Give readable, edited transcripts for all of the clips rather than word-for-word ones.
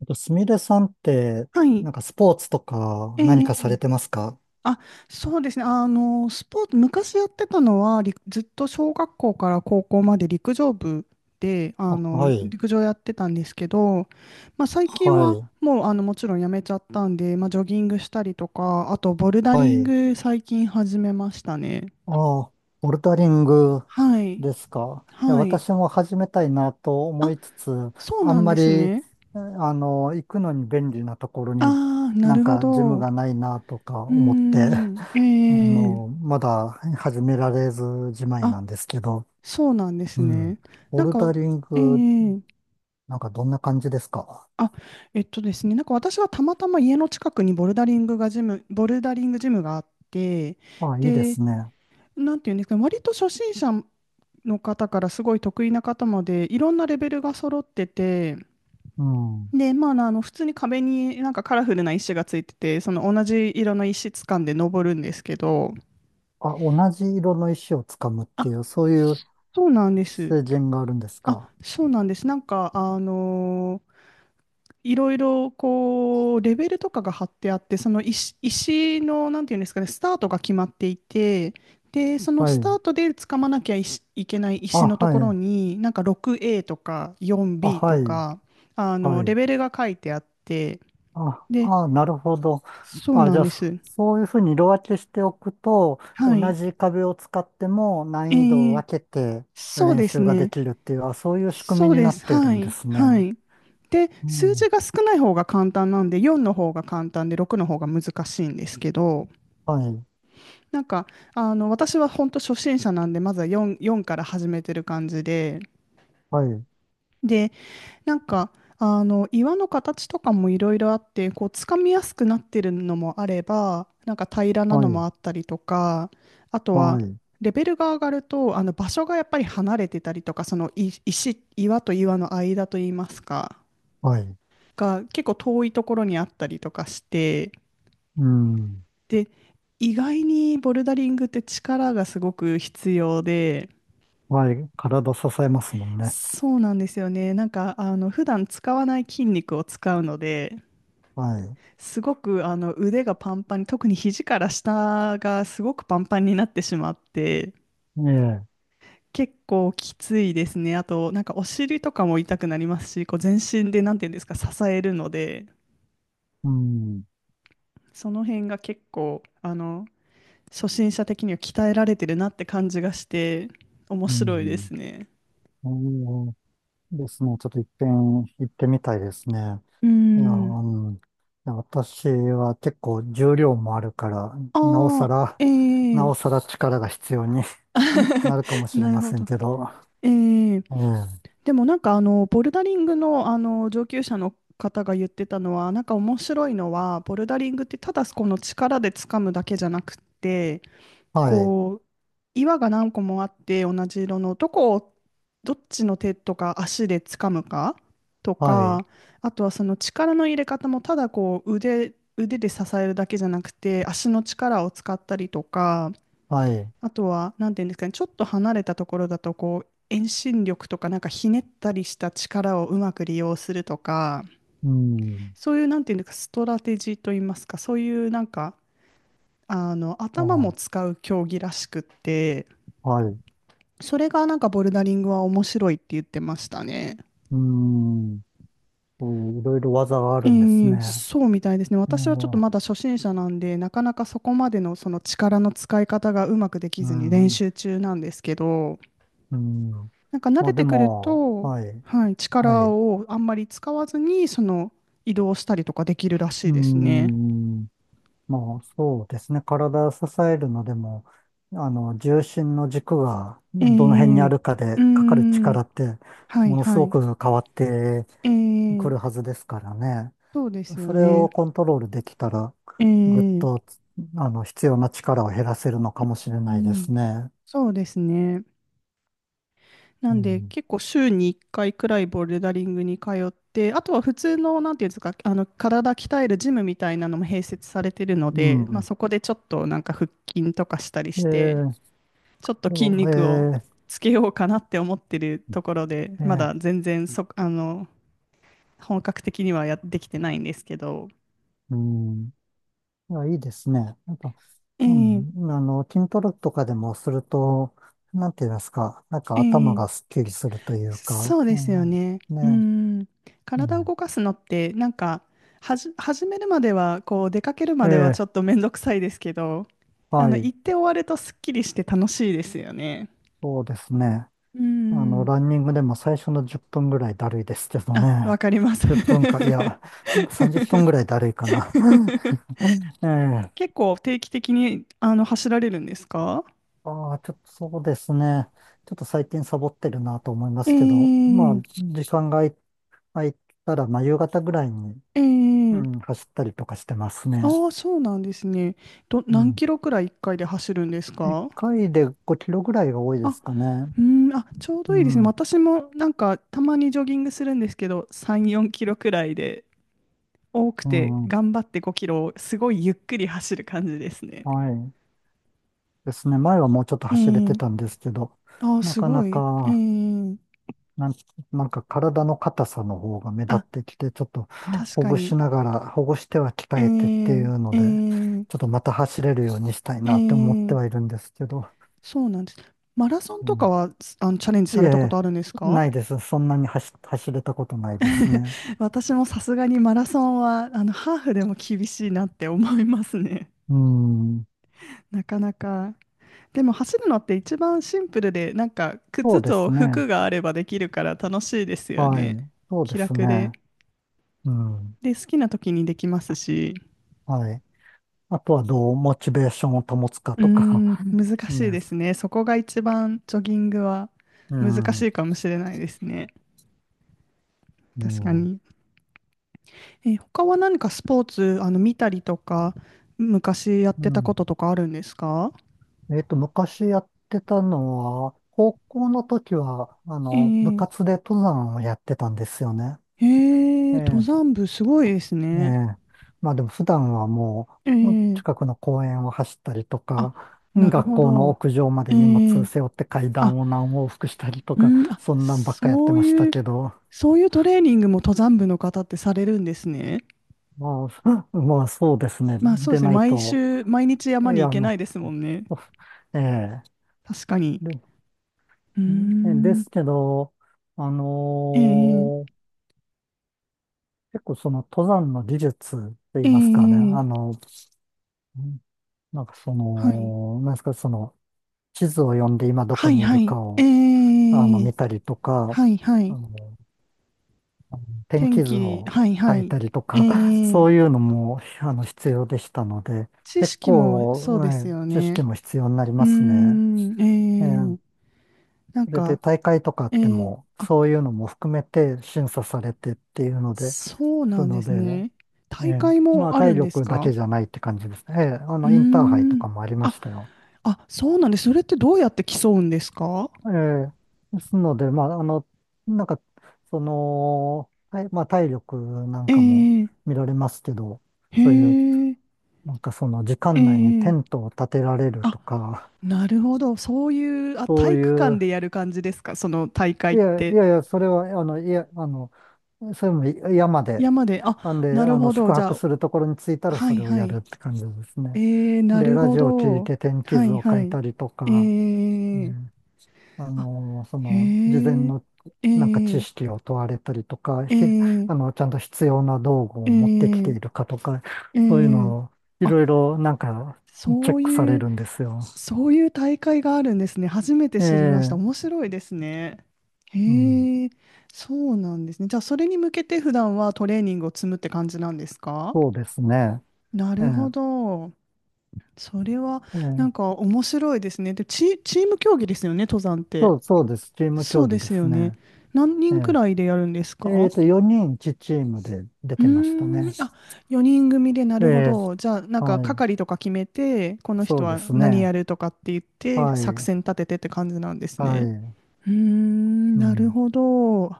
あと、すみれさんって、はい。なんかスポーツとかえ何かされえてますか？あ、そうですね。スポーツ、昔やってたのは、ずっと小学校から高校まで陸上部で、あ、はい、陸上やってたんですけど、まあ、最近ははい、もう、もちろんやめちゃったんで、まあ、ジョギングしたりとか、あと、ボルダはリンい。グ最近始めましたね。ああ、ボルダリングはい。ですか。いや、はい。私も始めたいなと思あ、いつつ、そうあなんんまでり、すえね。あの、行くのに便利なところにああ、ななるんほかジムど。うがないなとか思って、ーん。あの、えまだ始められずじまいあ、なんですけど、そうなんですうん。ね。ボなんルか、ダリンえグ、えなんかどんな感じですか？あ、えっとですね、なんか私はたまたま家の近くにボルダリングジムがあって、あ、いいでで、すね。なんていうんですかね、割と初心者の方からすごい得意な方まで、いろんなレベルが揃ってて、うん。で、まあ、普通に壁になんかカラフルな石がついてて、その同じ色の石掴んで登るんですけど、あ、同じ色の石をつかむってあ、いう、そういうそうなんです。成人があるんですあ、か。そうなんです。なんか、いろいろこうレベルとかが貼ってあって、その石の、なんていうんですかね、スタートが決まっていて、で、そのはスターい。トで掴まなきゃいし、いけないあ、石のとはころい。になんか 6A とか あ、4B はとい。か、はレい。ベルが書いてあって、あ、で、あ、なるほど。そうあ、なじんゃあ、でそす。そういうふうに色分けしておくと、は同い。じ壁を使ってもえ難易度をー、分けてそう練です習がでね。きるっていう、あ、そういう仕組そみうにでなっす。てるはんでいすはね。い。で、う数ん。字が少ない方が簡単なんで、4の方が簡単で6の方が難しいんですけど、はい。なんか、私は本当初心者なんで、まずは4から始めてる感じで、はい。で、なんか、岩の形とかもいろいろあって、こう、つかみやすくなってるのもあれば、なんか平らなはのい。もあったりとか、あとは、はい。レベルが上がると、場所がやっぱり離れてたりとか、その岩と岩の間といいますか、はい。が結構遠いところにあったりとかして、うん。で、意外にボルダリングって力がすごく必要で、はい。体支えますもんね。そうなんですよね。なんか、普段使わない筋肉を使うので、はい。すごく腕がパンパンに、特に肘から下がすごくパンパンになってしまって、ええ。結構きついですね。あと、なんかお尻とかも痛くなりますし、こう全身で、なんていうんですか、支えるので、うん。その辺が結構、初心者的には鍛えられてるなって感じがして、面う白いでん。すね。そうですね。ちょっと一遍行ってみたいですね。うーいや、ん。うん、いや私は結構重量もあるから、なおさあら、あ、えなえ。 おさら力が必要に なるかも しれなるまほせんど。けど。ええ。ええ、でも、なんかボルダリングの、上級者の方が言ってたのは、なんか面白いのは、ボルダリングってただこの力で掴むだけじゃなくって、はい、こう岩が何個もあって、同じ色のどこを、どっちの手とか足で掴むかとはい、か、あとはその力の入れ方も、ただこう腕で支えるだけじゃなくて、足の力を使ったりとか、はい、あとは、なんていうんですかね、ちょっと離れたところだと、こう、遠心力とか、なんかひねったりした力をうまく利用するとか、うん、そういう、なんていうんですか、ストラテジーといいますか、そういう、なんか、頭もあ使う競技らしくって、はい、それがなんかボルダリングは面白いって言ってましたね。うん、そういろいろ技があえるんですえ、ね。そうみたいですね。ええ、私はちょっとまだ初心者なんで、なかなかそこまでのその力の使い方がうまくできうずに練ん、習中なんですけど、うん。なんか慣まあれでてくるも、と、はい、はい、は力い、をあんまり使わずに、その移動したりとかできるらしいうですね。ん。まあ、そうですね。体を支えるのでも、あの、重心の軸がえどの辺にえ、あうるかーで、かかるん、力って、はいものすはごい。く変わってえくえ、るはずですからね。そうですよそれね。をコントロールできたら、えぐっえ、と、あの、必要な力を減らせるのかもしうれないでん、すね。そうですね。なうんで、ん。結構週に1回くらいボルダリングに通って、あとは普通の、なんていうんですか、体鍛えるジムみたいなのも併設されてるのうで、まあ、ん。そこでちょっとなんか腹筋とかしたりえして、ー、ちょっとど筋う肉をえつけようかなって思ってるところで、ーまえだ全然そ、あの、本格的にはやってきてないんですけど。ーうん。いや、いいですね。やっぱ、うええん、あの、筋トレとかでもすると、なんて言いますか、なんか頭えがえ、すっきりするというか、そううですよん、ね。うね、ん。う体を動かすのって、なんか、始めるまでは、こう、出かけるまんえではちょえ、っとめんどくさいですけど、は行い、って終わるとすっきりして楽しいですよね。そうですね。うあの、ん。ランニングでも最初の10分ぐらいだるいですけどあ、わね。かります。10分か、いや、30分ぐらい だるいかな。ええ、結構定期的に走られるんですか？ああ、ちょっとそうですね。ちょっと最近サボってるなと思いまえすけど、まあ、え時間が空いたら、まあ、夕方ぐらいに、うええ、ん、走ったりとかしてますあね。あー、そうなんですね。う何ん。キロくらい1回で走るんです1か？回で5キロぐらいが多いであ、すかね。うん、あ、ちょううどいいですね。ん、私もなんかたまにジョギングするんですけど、3、4キロくらいで、多くうてん、頑張って5キロをすごいゆっくり走る感じですね。はい。ですね。前はもうちょっと走れえてたんえ、ですけど、ああー、なすかなごい。えか、え、なん、なんか体の硬さの方が目立あ、ってきて、ちょっと確ほかぐに。しながら、ほぐしては鍛えてっていえうのええで、ちょっえとまた走れるようにしたいえなって思ってはいえ、るんですけど、そうなんです。マラソンうとかん。は、チャレンジいえさいれたことえ、あるんですか？ ないです。そんなに走れたことないです ね。私もさすがにマラソンは、ハーフでも厳しいなって思いますね。うん、なかなか。でも走るのって一番シンプルで、なんかそ靴うでとす服ね。があればできるから楽しいですよはね。い。そうで気す楽で。ね。うん。で、好きな時にできますし。はい。あとはどうモチベーションを保つかうーとか ん、難しいでですす。ね。そこが一番ジョギングはう難しん。いかもしれないですね。う確かん。に。他は何かスポーツ、見たりとか、昔やっうてたん。こととかあるんですか？えっと、昔やってたのは、高校の時は、あえの、部活えで登山をやってたんですよね。ええ、え登え。山部すごいですえね。え。まあでも普段はもう、え近え、くの公園を走ったりとあ、か、うなんる学ほ校のど。屋上まえで荷物え、背負って階あ、段を何往復したりとうか、ん、あ、そんなんばっかやってそうましたいう、けど。そういうトレーニングも登山部の方ってされるんですね。まあ、まあそうですね。まあそうでですね、ない毎と、週、毎日い山に行や、けなね、いですもんね。ええ確かに。で、うーんでん、すけど、あえのえー結構その登山の技術って言いますかね、えあえ、の、んなんかそはい。の、なんですか、その、地図を読んで今どはこい、にいはるかい、えを、あの、え、見たりとか、はいはあい。の、天天気図気、をはいは書いい。たりとえか、ー、そういうのも、あの、必要でしたので、知結識もそう構、でえすえよ知識ね。も必要になりうーますね。ん、ええ、なんそれでか、大会とかあっても、あ、そういうのも含めて審査されてっていうので、そうそなんでのすで、ね。え大会え、まもあある体んです力だけか？じゃないって感じですね。ええ、あうーの、インターハイとん。かもありまあ、したよ。あ、そうなんです。それってどうやって競うんですか？ええ、ですので、まあ、あの、なんか、その、はいまあ体力なんえかもー、見られますけど、へそういう、ー、なんかその時え間内にテー、ントを立てられるあ、とか、なるほど。そういう、あ、そ体う育い館う、でやる感じですか、その大会いっやいて？やいや、それは、あの、いや、あの、それも山で、山で、あ、なんで、なるあの、ほど。宿じ泊ゃするところに着いたあ、らはそいれをはやるい。って感じですね。ええ、なで、るラほジオを聞いど。て天気は図いを書はいい。たりとえか、うえ、ん、ああ、の、そへの、事前え、のえなんか知え識を問われたりとか、えあえの、ちゃんと必要な道具えを持ってきてえいるかとか、えそういうえ、のをいあ、ろいろなんかチェそッうクさいれう、るんですよ。大会があるんですね。初めてえ知りました。え、面白いですね。うん、へえ、そうなんですね。じゃあ、それに向けて普段はトレーニングを積むって感じなんですか？そうですね。なええ、るほど。それは、えなえ、んか面白いですね。で、チーム競技ですよね、登山って。そう、そうです。チームそ競う技でですすよね。ね。何え人くらいでやるんですええか？っと、4人チームで出うてましたーね。ん、あ、4人組で、なえるほえ、ど。じゃあ、なんかはい。係とか決めて、このそ人うではす何やね。るとかって言って、は作い。戦立ててって感じなんですはね。い。うーん、うなるん。ほど。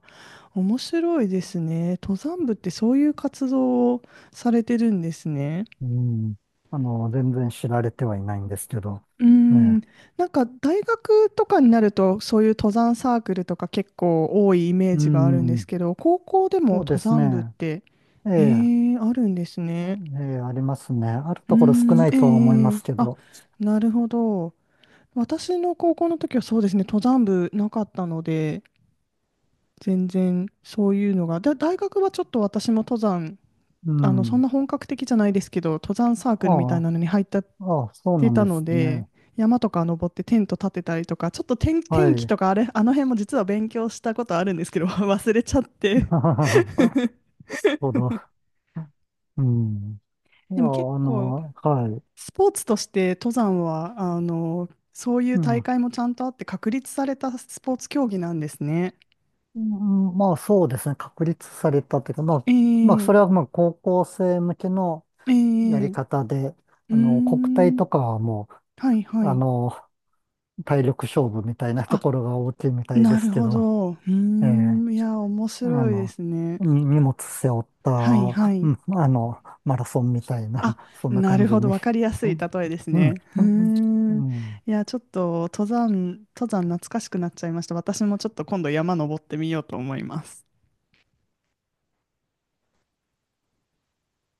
面白いですね。登山部ってそういう活動をされてるんですね。うん。あの、全然知られてはいないんですけど。うーん、ね。なんか大学とかになるとそういう登山サークルとか結構多いイメーうジがあるんですん。けど、高校でもそう登です山部っね。て、ええ、へえ、あるんですね。ええ、ありますね。あるうーところ少ん、ないえとは思いまえええ、すけあ、ど。なるほど。私の高校の時はそうですね、登山部なかったので、全然そういうのが、大学はちょっと私も登山、うそんん。な本格的じゃないですけど、登山サークルみあたいあ、なのに入ったっああ、そうてなんたでのすで、ね。山とか登ってテント立てたりとか、ちょっと天、は天気い。とか、あの辺も実は勉強したことあるんですけど、忘れちゃって。なる ほど。うん。いでや、あも結構、の、はい。スポーツとして登山は、そういうう大ん。会もちゃんとあって確立されたスポーツ競技なんですね。うんまあそうですね、確立されたというか、まあ、えまあそえれはまあ高校生向けのえやえ、りう方で、ーあの、国体ん、とかはもはいはう、あい。の、体力勝負みたいなとあ、ころが大きいみたいでなするけほど、ど。うーええ、ん、いや、面あ白いでの、すね。に荷物背負った、はいはうい。ん、あの、マラソンみたいな、あ、そんなな感るじほど。に。わかりやすうい例ん、えですうん、ね。うーん。いうんや、ちょっと登山懐かしくなっちゃいました。私もちょっと今度山登ってみようと思います。